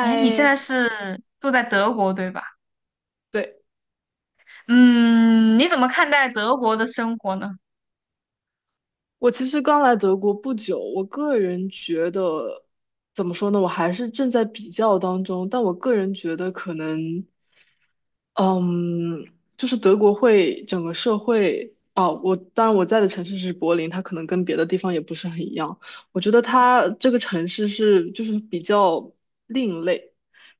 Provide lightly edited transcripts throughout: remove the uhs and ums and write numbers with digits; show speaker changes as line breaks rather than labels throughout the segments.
哎，你现在是住在德国，对吧？
对，
嗯，你怎么看待德国的生活呢？
我其实刚来德国不久，我个人觉得怎么说呢，我还是正在比较当中，但我个人觉得可能嗯，就是德国会整个社会啊，我当然我在的城市是柏林，它可能跟别的地方也不是很一样。我觉得它这个城市是就是比较另类，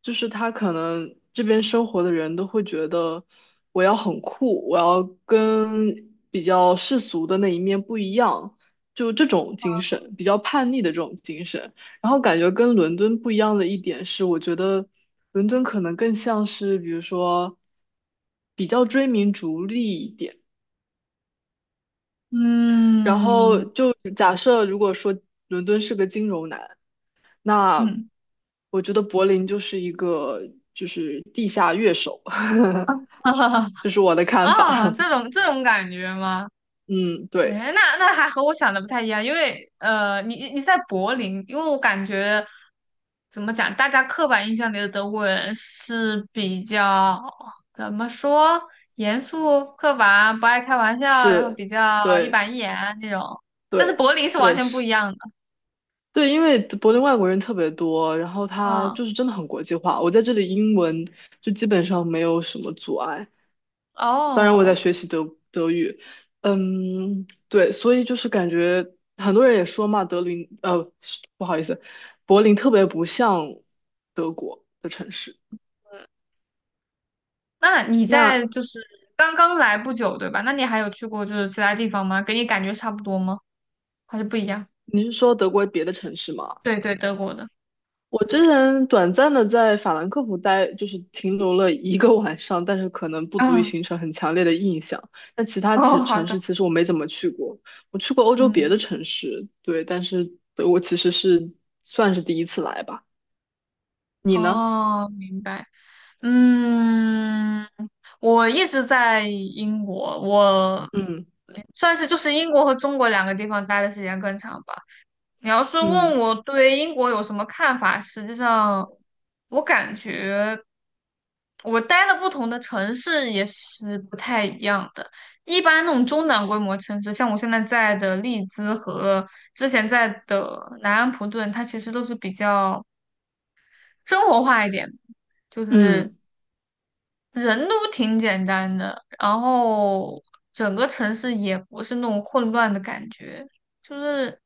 就是它可能这边生活的人都会觉得我要很酷，我要跟比较世俗的那一面不一样，就这种精神，比较叛逆的这种精神。然后感觉跟伦敦不一样的一点是，我觉得伦敦可能更像是，比如说比较追名逐利一点。然
嗯
后就假设如果说伦敦是个金融男，那
嗯，
我觉得柏林就是一个就是地下乐手，这是我的看法。
啊，这 种这种感觉吗？
嗯，对，
哎，那还和我想的不太一样，因为你在柏林，因为我感觉怎么讲，大家刻板印象里的德国人是比较怎么说，严肃、刻板、不爱开玩笑，然后
是，
比较一
对，
板一眼那种，但是
对，
柏林是完
对，
全不
是。
一样的，
对，因为柏林外国人特别多，然后它
嗯。
就是真的很国际化。我在这里英文就基本上没有什么阻碍，当然我在
哦，
学习德语，嗯，对，所以就是感觉很多人也说嘛，德林，不好意思，柏林特别不像德国的城市。
那你
那
在就是刚刚来不久，对吧？那你还有去过就是其他地方吗？给你感觉差不多吗？还是不一样？
你是说德国别的城市吗？
对对，德国的。
我之前短暂的在法兰克福待，就是停留了1个晚上，但是可能不足以
嗯，
形成很强烈的印象。但其他
哦，好
城
的，
市其实我没怎么去过，我去过欧洲别的
嗯，
城市，对，但是德国其实是算是第一次来吧。你呢？
哦，明白，嗯，我一直在英国，我
嗯
算是就是英国和中国两个地方待的时间更长吧。你要是问
嗯
我对英国有什么看法，实际上我感觉我待的不同的城市也是不太一样的。一般那种中等规模城市，像我现在在的利兹和之前在的南安普顿，它其实都是比较生活化一点，就是
嗯
人都挺简单的，然后整个城市也不是那种混乱的感觉。就是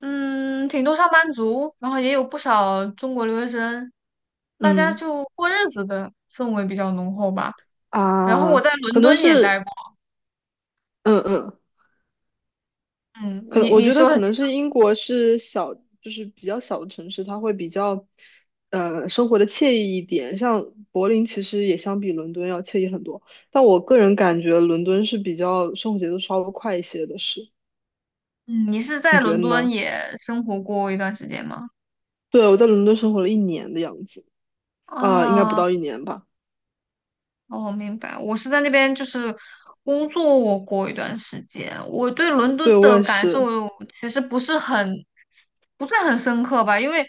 嗯，挺多上班族，然后也有不少中国留学生，大家
嗯
就过日子的氛围比较浓厚吧。然后
啊，
我在伦
可能
敦也待
是
过，
嗯嗯
嗯，
可能
你
我
你
觉得
说，
可能是英国是小，就是比较小的城市，它会比较，生活的惬意一点。像柏林其实也相比伦敦要惬意很多，但我个人感觉伦敦是比较生活节奏稍微快一些的是，
嗯，你是
你
在
觉得
伦敦
呢？
也生活过一段时间吗？
对，我在伦敦生活了一年的样子，啊、应该不
啊。
到一年吧？
哦，明白。我是在那边就是工作过一段时间，我对伦敦
对，我
的
也
感受
是，
其实不是很不算很深刻吧，因为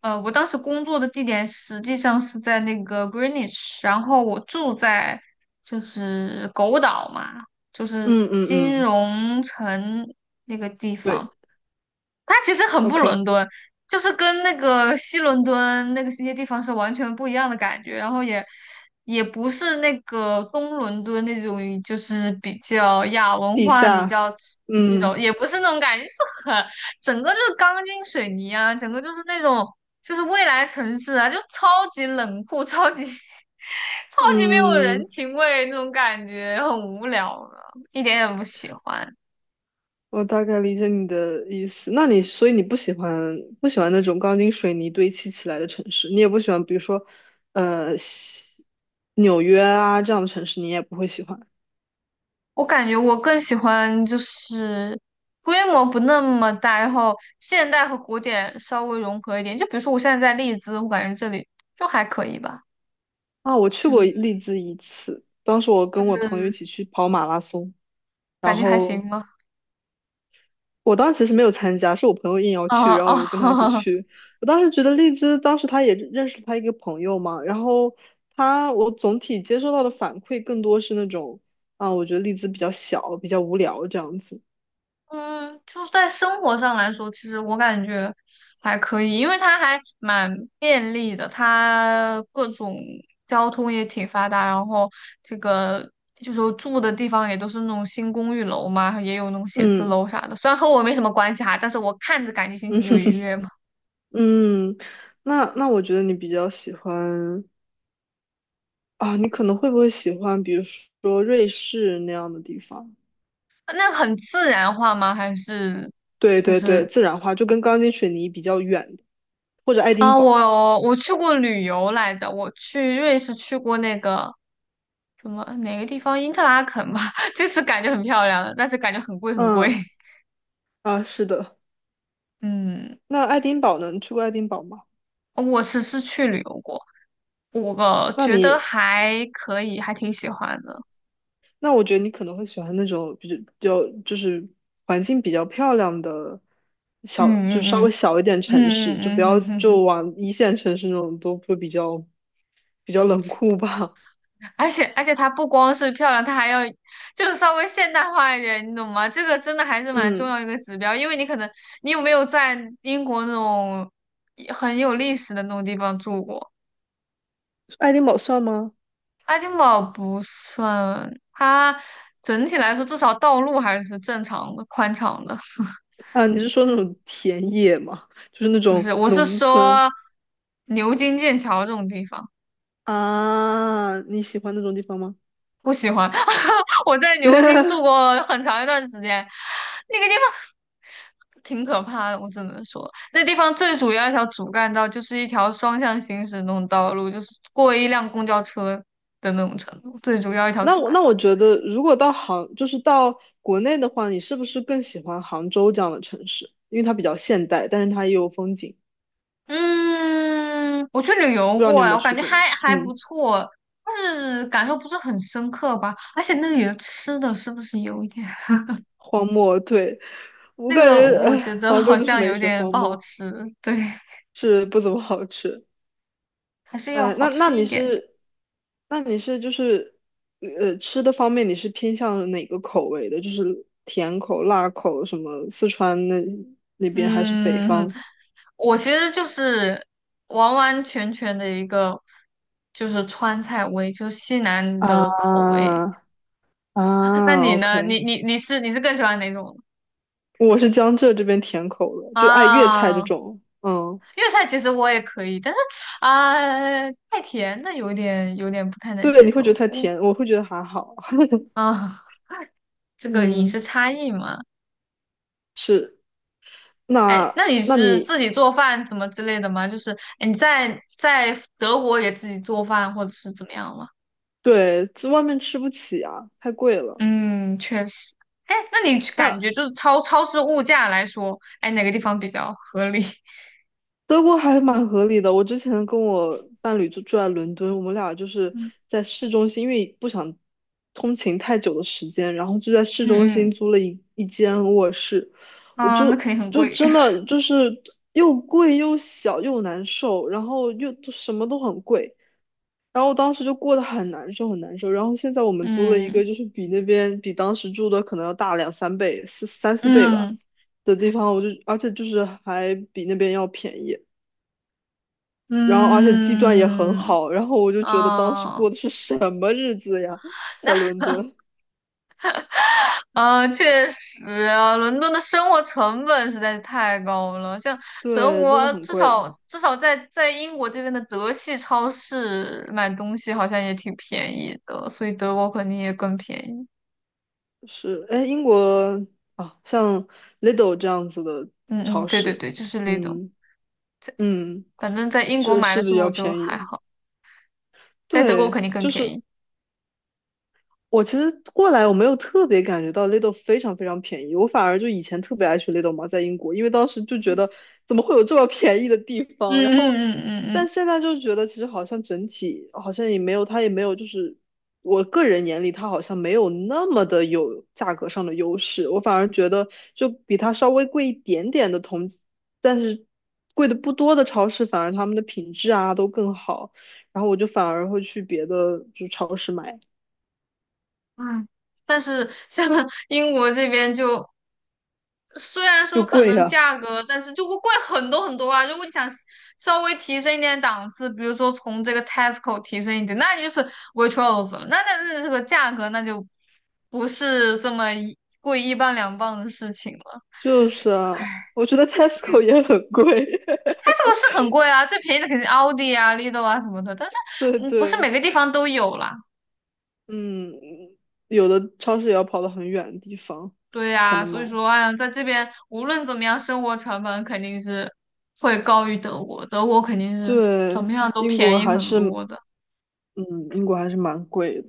我当时工作的地点实际上是在那个 Greenwich，然后我住在就是狗岛嘛，就是
嗯嗯
金
嗯，
融城那个地
对
方。它其实很不伦
，OK,
敦，就是跟那个西伦敦那个一些地方是完全不一样的感觉，然后也也不是那个东伦敦那种，就是比较亚文
地
化比
下，
较那
嗯
种，也不是那种感觉，就是很整个就是钢筋水泥啊，整个就是那种就是未来城市啊，就超级冷酷，超级 超级没有人
嗯。
情味那种感觉，很无聊的，一点也不喜欢。
我大概理解你的意思。那你所以你不喜欢那种钢筋水泥堆砌起来的城市，你也不喜欢，比如说，呃，西纽约啊这样的城市，你也不会喜欢。
我感觉我更喜欢就是规模不那么大，然后现代和古典稍微融合一点。就比如说我现在在利兹，我感觉这里就还可以吧，
啊，我去过
就
利兹一次，当时我跟我朋友一
是
起去跑马拉松，
感
然
觉还
后
行吧。
我当时其实没有参加，是我朋友硬 要去，
啊
然后我就跟他一起
哦，
去。我当时觉得丽兹当时他也认识他一个朋友嘛，然后他我总体接收到的反馈更多是那种啊，我觉得丽兹比较小，比较无聊这样子。
嗯，就是在生活上来说，其实我感觉还可以，因为它还蛮便利的，它各种交通也挺发达，然后这个就是我住的地方也都是那种新公寓楼嘛，也有那种写字
嗯
楼啥的，虽然和我没什么关系哈，但是我看着感觉心
嗯
情就愉悦嘛。
嗯，那那我觉得你比较喜欢啊，你可能会不会喜欢，比如说瑞士那样的地方？
那很自然化吗？还是
对
就
对对，
是
自然化就跟钢筋水泥比较远，或者爱丁
啊，
堡。
我去过旅游来着，我去瑞士去过那个。怎么哪个地方？因特拉肯吧，就是感觉很漂亮但是感觉很贵很贵。
嗯 啊，是的。
嗯，
那爱丁堡呢？你去过爱丁堡吗？
我只是去旅游过，我
那
觉得
你，
还可以，还挺喜欢的。
那我觉得你可能会喜欢那种比较，比较就是环境比较漂亮的小，就稍
嗯嗯
微
嗯
小一点城市，就不
嗯
要
嗯嗯嗯，
就往一线城市那种都会比较比较冷酷吧。
而且它不光是漂亮，它还要就是稍微现代化一点，你懂吗？这个真的还是 蛮重
嗯，
要一个指标，因为你可能你有没有在英国那种很有历史的那种地方住过？
爱丁堡算吗？
爱丁堡不算，它整体来说至少道路还是正常的、宽敞的。
啊，你是说那种田野吗？就是那
不是，
种
我是
农村
说牛津、剑桥这种地方
啊？你喜欢那种地方吗？
不喜欢。我在牛津住 过很长一段时间，那个地方挺可怕的，我只能说，那地方最主要一条主干道就是一条双向行驶那种道路，就是过一辆公交车的那种程度，最主要一条
那
主
我
干
那
道。
我觉得，如果到杭，就是到国内的话，你是不是更喜欢杭州这样的城市？因为它比较现代，但是它也有风景。
嗯，我去旅游
不知道你
过
有没
哎，
有
我感
去
觉
过？
还不
嗯，
错，但是感受不是很深刻吧。而且那里的吃的是不是有一点？
荒漠，对，我
那
感
个
觉，
我觉
哎，
得
杭
好
州就是
像
美
有
食
点
荒
不好
漠，
吃，对，
是不怎么好吃。
还是要
呃，
好
那那
吃一
你
点的。
是，那你是就是，呃，吃的方面你是偏向哪个口味的？就是甜口、辣口，什么四川那那边还是北
嗯，
方？
我其实就是完完全全的一个就是川菜味，就是西南
啊
的口味。那
啊
你呢？你
，OK。
你你是你是更喜欢哪种
我是江浙这边甜口的，就爱粤菜这
啊？
种。嗯，
粤菜其实我也可以，但是啊、太甜的有点不太能
对，
接
你会
受。
觉得太
我
甜，我会觉得还好。
啊、这个饮食
嗯，
差异嘛，
是。
哎，
那
那你
那
是自
你
己做饭怎么之类的吗？就是哎你在德国也自己做饭或者是怎么样吗？
对，在外面吃不起啊，太贵了。
嗯，确实。哎，那你去感
那
觉就是超市物价来说，哎，哪个地方比较合理？
德国还蛮合理的。我之前跟我伴侣就住在伦敦，我们俩就是
嗯
在市中心，因为不想通勤太久的时间，然后就在市
嗯
中心
嗯，
租了一间卧室。我
啊，那
就
肯定很
就
贵。
真 的就是又贵又小又难受，然后又都什么都很贵，然后我当时就过得很难受。然后现在我们租了一个，
嗯
就是比那边比当时住的可能要大两三倍、四三四倍吧。
嗯
的地方，我就而且就是还比那边要便宜。然后而且地段也很
嗯
好，然后我就觉得当时
啊。
过的是什么日子呀，在伦敦，
嗯，确实啊，伦敦的生活成本实在是太高了。像德
对，真的
国，
很
至
贵，
少至少在在英国这边的德系超市买东西好像也挺便宜的，所以德国肯定也更便宜。
是，哎，英国啊，像 Lidl 这样子的
嗯嗯，
超
对对
市，
对，就是那种。
嗯嗯，
反正在英国
是
买的
是
时
比
候
较
就
便
还
宜，
好，在德国肯
对，
定更
就
便
是
宜。
我其实过来我没有特别感觉到 Lidl 非常非常便宜，我反而就以前特别爱去 Lidl 嘛，在英国，因为当时就觉得怎么会有这么便宜的地
嗯
方，然后
嗯嗯嗯
但现在就觉得其实好像整体好像也没有，它也没有就是我个人眼里它好像没有那么的有价格上的优势，我反而觉得就比它稍微贵一点点的同，但是贵的不多的超市反而他们的品质啊都更好，然后我就反而会去别的就超市买，
嗯，嗯，但是像 英国这边就虽然
就
说可
贵
能
啊。
价格，但是就会贵很多很多啊。如果你想稍微提升一点档次，比如说从这个 Tesco 提升一点，那你就是 Waitrose 了。那这个价格那就不是这么一贵一磅两磅的事情了。
就是啊，我觉得 Tesco 也很贵。
Tesco 是很贵啊，最便宜的肯定奥迪啊、Lidl 啊什么的，但是
对
嗯，不是
对，
每个地方都有啦。
嗯，有的超市也要跑到很远的地方
对
才
呀、
能
所以
买。
说，哎呀，在这边无论怎么样，生活成本肯定是会高于德国，德国肯定是怎
对，
么样都
英
便
国
宜
还
很
是，嗯，
多的。
英国还是蛮贵的，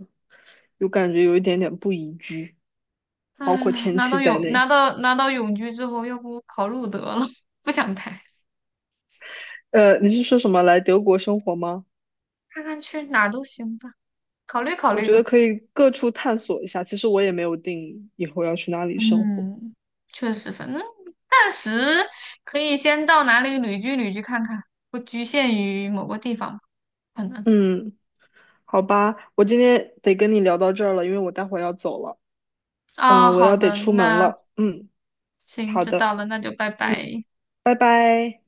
有感觉有一点点不宜居，包括
唉，
天
拿
气
到
在
永拿
内。
到拿到永居之后，要不考入得了？不想拍，
你是说什么来德国生活吗？
看看去哪儿都行吧，考虑考
我
虑
觉得
呢。
可以各处探索一下。其实我也没有定以后要去哪里生活。
嗯，确实，反正暂时可以先到哪里旅居看看，不局限于某个地方吧可能。
嗯，好吧，我今天得跟你聊到这儿了，因为我待会儿要走了。
啊，
嗯，我
好
要得
的，
出门
那
了。嗯，
行，
好
知道
的，
了，那就拜拜。
拜拜。